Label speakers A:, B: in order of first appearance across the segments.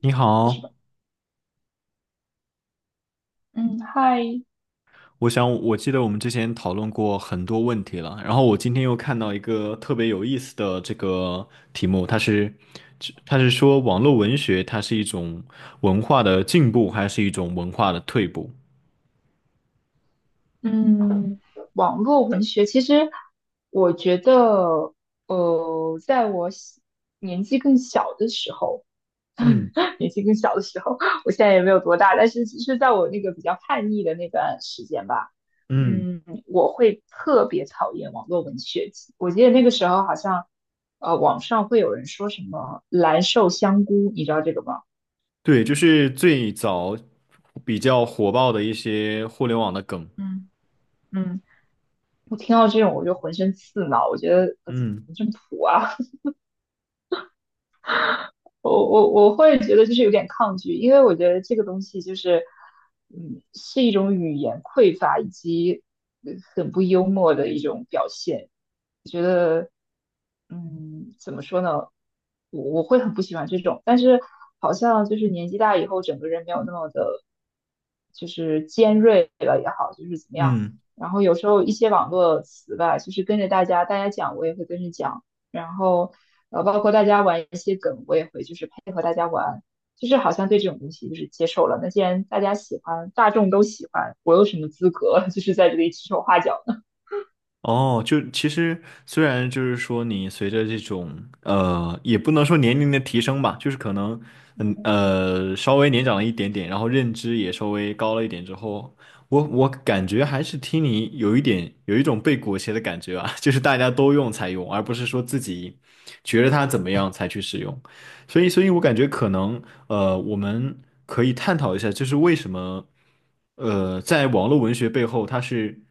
A: 你
B: 开始吧。
A: 好，
B: 嗯，嗨。
A: 我想我记得我们之前讨论过很多问题了，然后我今天又看到一个特别有意思的这个题目，它是说网络文学它是一种文化的进步还是一种文化的退步？
B: 嗯，网络文学其实我觉得，在我小年纪更小的时候，
A: 嗯。
B: 年纪更小的时候，我现在也没有多大，但是是在我那个比较叛逆的那段时间吧。
A: 嗯，
B: 嗯，我会特别讨厌网络文学。我记得那个时候好像，网上会有人说什么“蓝瘦香菇”，你知道这个吗？
A: 对，就是最早比较火爆的一些互联网的梗。
B: 嗯。嗯。我听到这种我就浑身刺挠，我觉得怎
A: 嗯。
B: 么这么土啊？我会觉得就是有点抗拒，因为我觉得这个东西就是，嗯，是一种语言匮乏以及很不幽默的一种表现。我觉得，嗯，怎么说呢？我会很不喜欢这种，但是好像就是年纪大以后，整个人没有那么的，就是尖锐了也好，就是怎么样。
A: 嗯。
B: 然后有时候一些网络词吧，就是跟着大家，大家讲我也会跟着讲。然后包括大家玩一些梗，我也会就是配合大家玩，就是好像对这种东西就是接受了。那既然大家喜欢，大众都喜欢，我有什么资格 就是在这里指手画脚呢？
A: 哦，就其实虽然就是说你随着这种也不能说年龄的提升吧，就是可能稍微年长了一点点，然后认知也稍微高了一点之后，我感觉还是听你有一种被裹挟的感觉啊，就是大家都用才用，而不是说自己觉得它怎么样才去使用。所以，我感觉可能，我们可以探讨一下，就是为什么，在网络文学背后，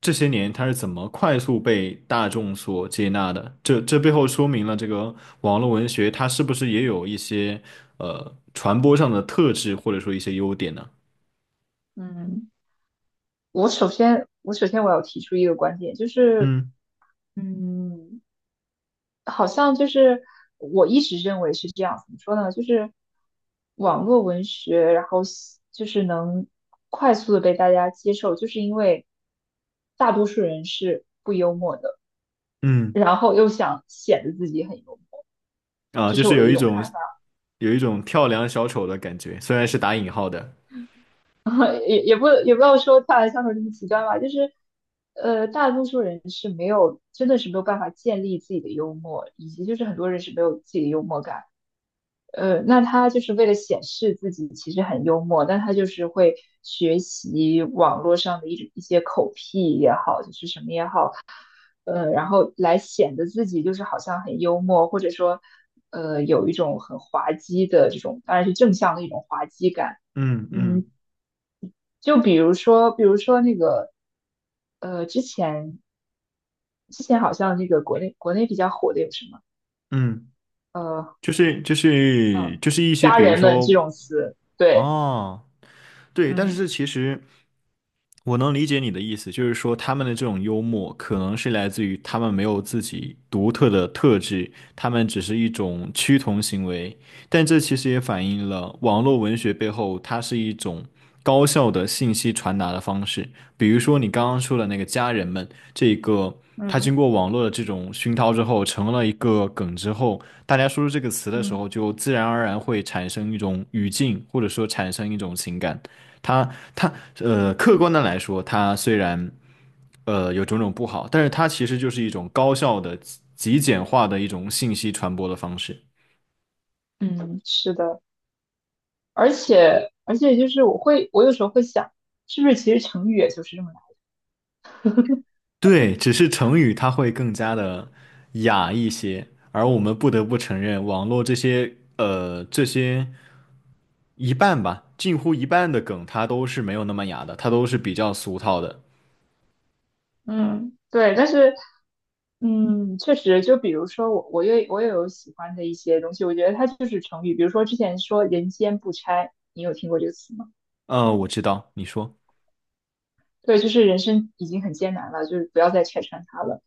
A: 这些年它是怎么快速被大众所接纳的？这背后说明了这个网络文学它是不是也有一些传播上的特质，或者说一些优点呢？
B: 嗯，我首先我要提出一个观点，就是
A: 嗯。
B: 嗯，好像就是我一直认为是这样，怎么说呢？就是网络文学，然后喜就是能快速的被大家接受，就是因为大多数人是不幽默的。
A: 嗯，
B: 然后又想显得自己很幽默，
A: 啊，
B: 这是我的一种看法。
A: 有一种跳梁小丑的感觉，虽然是打引号的。
B: 也不要说大的相处这么极端吧，就是大多数人是没有，真的是没有办法建立自己的幽默，以及就是很多人是没有自己的幽默感。那他就是为了显示自己其实很幽默，但他就是会学习网络上的一些口癖也好，就是什么也好。然后来显得自己就是好像很幽默，或者说，有一种很滑稽的这种，当然是正向的一种滑稽感。
A: 嗯。
B: 嗯，
A: 嗯。
B: 就比如说，比如说那个，呃，之前之前好像那个国内比较火的有什么，
A: 嗯，
B: 呃，
A: 就是就
B: 呃，
A: 是就是一些，
B: 家
A: 比如
B: 人们这
A: 说
B: 种词，对。
A: 哦，对，但是
B: 嗯。
A: 这其实，我能理解你的意思，就是说他们的这种幽默可能是来自于他们没有自己独特的特质，他们只是一种趋同行为。但这其实也反映了网络文学背后它是一种高效的信息传达的方式。比如说你刚刚说的那个家人们，这个他经
B: 嗯。
A: 过网络的这种熏陶之后，成了一个梗之后，大家说出这个词的时
B: 嗯。
A: 候，就自然而然会产生一种语境，或者说产生一种情感。它它客观的来说，它虽然有种种不好，但是它其实就是一种高效的、极简化的一种信息传播的方式。
B: 嗯，是的，而且就是我会，我有时候会想，是不是其实成语也就是这么，
A: 对，只是成语它会更加的雅一些，而我们不得不承认，网络这些这些一半吧，近乎一半的梗，它都是没有那么雅的，它都是比较俗套的。
B: 嗯，对，但是，嗯，确实，就比如说我，我也有喜欢的一些东西，我觉得它就是成语，比如说之前说“人间不拆”，你有听过这个词吗？
A: 我知道，你说，
B: 对，就是人生已经很艰难了，就是不要再拆穿它了。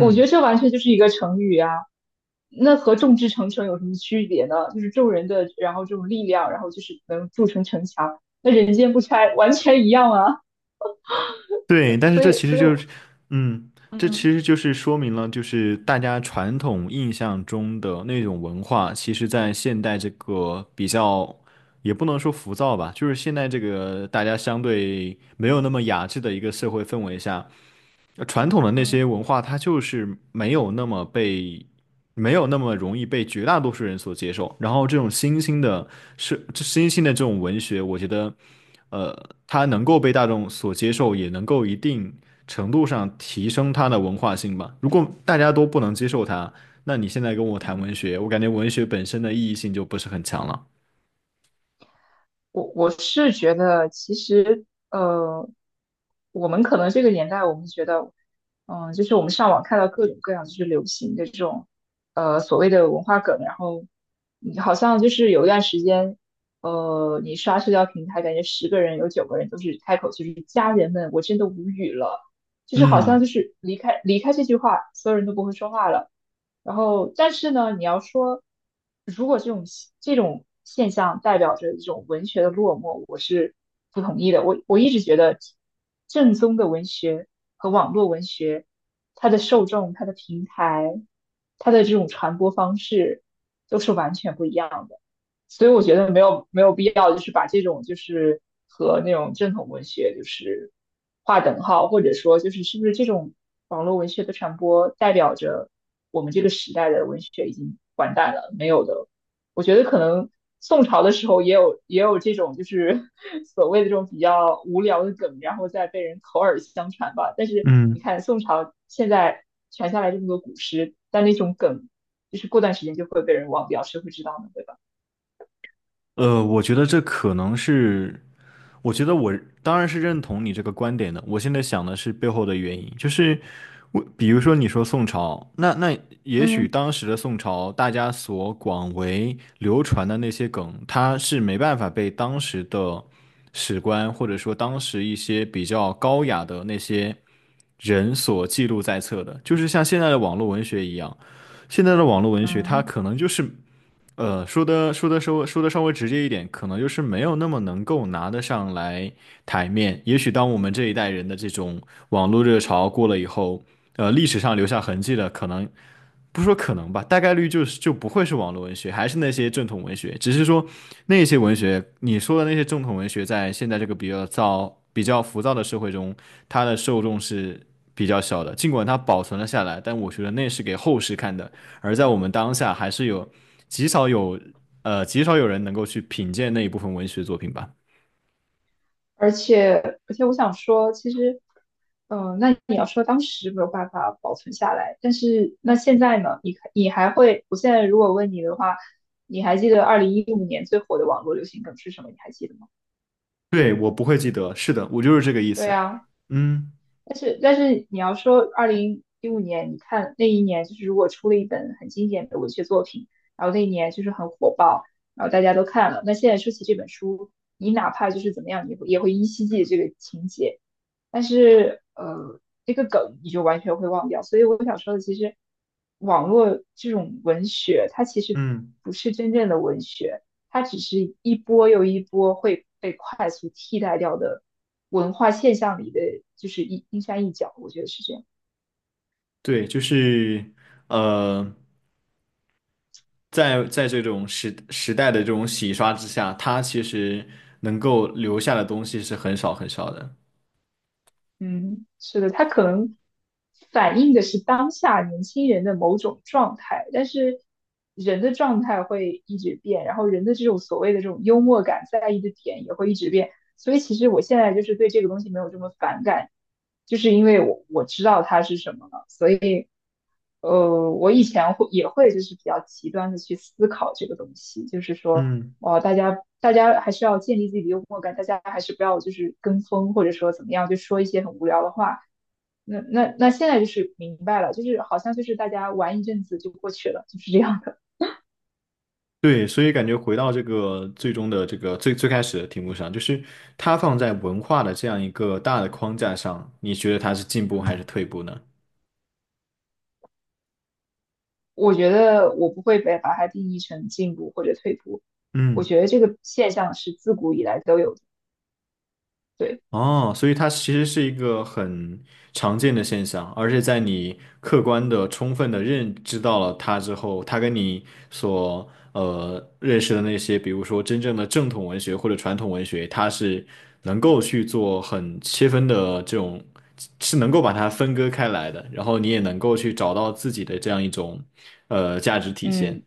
B: 我觉得这完全就是一个成语啊，那和众志成城有什么区别呢？就是众人的，然后这种力量，然后就是能筑成城墙，那人间不拆完全一样啊。
A: 对，但是这其实
B: 所以
A: 就
B: 我，
A: 是，嗯，这其
B: 嗯。
A: 实就是说明了，就是大家传统印象中的那种文化，其实在现代这个比较，也不能说浮躁吧，就是现在这个大家相对没有那么雅致的一个社会氛围下，传统的那些
B: 嗯。
A: 文化，它就是没有那么被，没有那么容易被绝大多数人所接受。然后这种新兴的，新兴的这种文学，我觉得，它能够被大众所接受，也能够一定程度上提升它的文化性吧。如果大家都不能接受它，那你现在跟我谈文
B: 嗯。
A: 学，我感觉文学本身的意义性就不是很强了。
B: 我我是觉得，其实呃，我们可能这个年代，我们觉得，嗯，就是我们上网看到各种各样就是流行的这种所谓的文化梗，然后你好像就是有一段时间，你刷社交平台，感觉十个人有九个人都是开口就是家人们，我真的无语了，就是好像
A: 嗯。
B: 就是离开这句话，所有人都不会说话了。然后，但是呢，你要说，如果这种现象代表着一种文学的落寞，我是不同意的。我一直觉得，正宗的文学和网络文学，它的受众、它的平台、它的这种传播方式都是完全不一样的。所以我觉得没有必要，就是把这种就是和那种正统文学就是划等号，或者说就是是不是这种网络文学的传播代表着我们这个时代的文学已经完蛋了？没有的，我觉得可能宋朝的时候也有这种就是 所谓的这种比较无聊的梗，然后再被人口耳相传吧。但是你
A: 嗯，
B: 看宋朝现在传下来这么多古诗，但那种梗就是过段时间就会被人忘掉，谁会知道呢？对吧？
A: 我觉得这可能是我觉得我当然是认同你这个观点的。我现在想的是背后的原因，就是我比如说你说宋朝，那也许
B: 嗯。
A: 当时的宋朝，大家所广为流传的那些梗，它是没办法被当时的史官或者说当时一些比较高雅的那些人所记录在册的，就是像现在的网络文学一样。现在的网络文学，它
B: 嗯。
A: 可能就是说的稍微直接一点，可能就是没有那么能够拿得上来台面。也许当我们这一代人的这种网络热潮过了以后，历史上留下痕迹的可能不说可能吧，大概率就是就不会是网络文学，还是那些正统文学，只是说那些文学，你说的那些正统文学，在现在这个比较躁、比较浮躁的社会中，它的受众是比较小的。尽管它保存了下来，但我觉得那是给后世看的，而在我们当下，还是有极少有极少有人能够去品鉴那一部分文学作品吧。
B: 而且而且我想说，其实，嗯、那你要说当时没有办法保存下来，但是那现在呢？你看你还会，我现在如果问你的话，你还记得二零一五年最火的网络流行梗是什么？你还记得吗？
A: 对，我不会记得，是的，我就是这个意
B: 对
A: 思。
B: 啊。
A: 嗯。
B: 但是你要说二零一五年，你看那一年就是如果出了一本很经典的文学作品，然后那一年就是很火爆，然后大家都看了，那现在说起这本书，你哪怕就是怎么样，你也会依稀记得这个情节。但是这个梗你就完全会忘掉。所以我想说的，其实网络这种文学，它其实
A: 嗯，
B: 不是真正的文学，它只是一波又一波会被快速替代掉的文化现象里的，就是一冰山一角。我觉得是这样。
A: 对，就是，呃，在这种时代的这种洗刷之下，它其实能够留下的东西是很少很少的。
B: 嗯，是的，它可能反映的是当下年轻人的某种状态，但是人的状态会一直变，然后人的这种所谓的这种幽默感在意的点也会一直变，所以其实我现在就是对这个东西没有这么反感，就是因为我知道它是什么了，所以我以前会就是比较极端的去思考这个东西，就是说。
A: 嗯，
B: 哦，大家还是要建立自己的幽默感，大家还是不要就是跟风，或者说怎么样，就说一些很无聊的话。那现在就是明白了，就是好像就是大家玩一阵子就过去了，就是这样的。
A: 对，所以感觉回到这个最终的这个最最开始的题目上，就是它放在文化的这样一个大的框架上，你觉得它是进步还是
B: 嗯。
A: 退步呢？
B: 我觉得我不会被把它定义成进步或者退步，我
A: 嗯。
B: 觉得这个现象是自古以来都有的。对。
A: 哦，所以它其实是一个很常见的现象，而且在你客观的、充分的认知到了它之后，它跟你所认识的那些，比如说真正的正统文学或者传统文学，它是能够去做很切分的这种，是能够把它分割开来的，然后你也能够去找到自己的这样一种价值体现。
B: 嗯。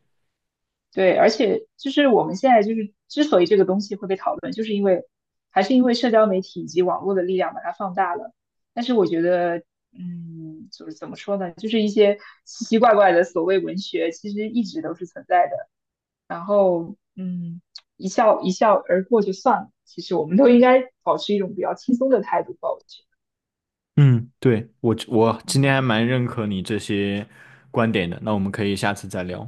B: 对，而且就是我们现在就是之所以这个东西会被讨论，就是因为还是因为社交媒体以及网络的力量把它放大了。但是我觉得，嗯，就是怎么说呢，就是一些奇奇怪怪的所谓文学，其实一直都是存在的。然后嗯，一笑而过就算了。其实我们都应该保持一种比较轻松的态度吧，我觉
A: 嗯，对，我
B: 得。
A: 今天还
B: 嗯。
A: 蛮认可你这些观点的，那我们可以下次再聊，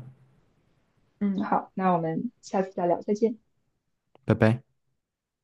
B: 嗯，好，那我们下次再聊，再见。
A: 拜拜。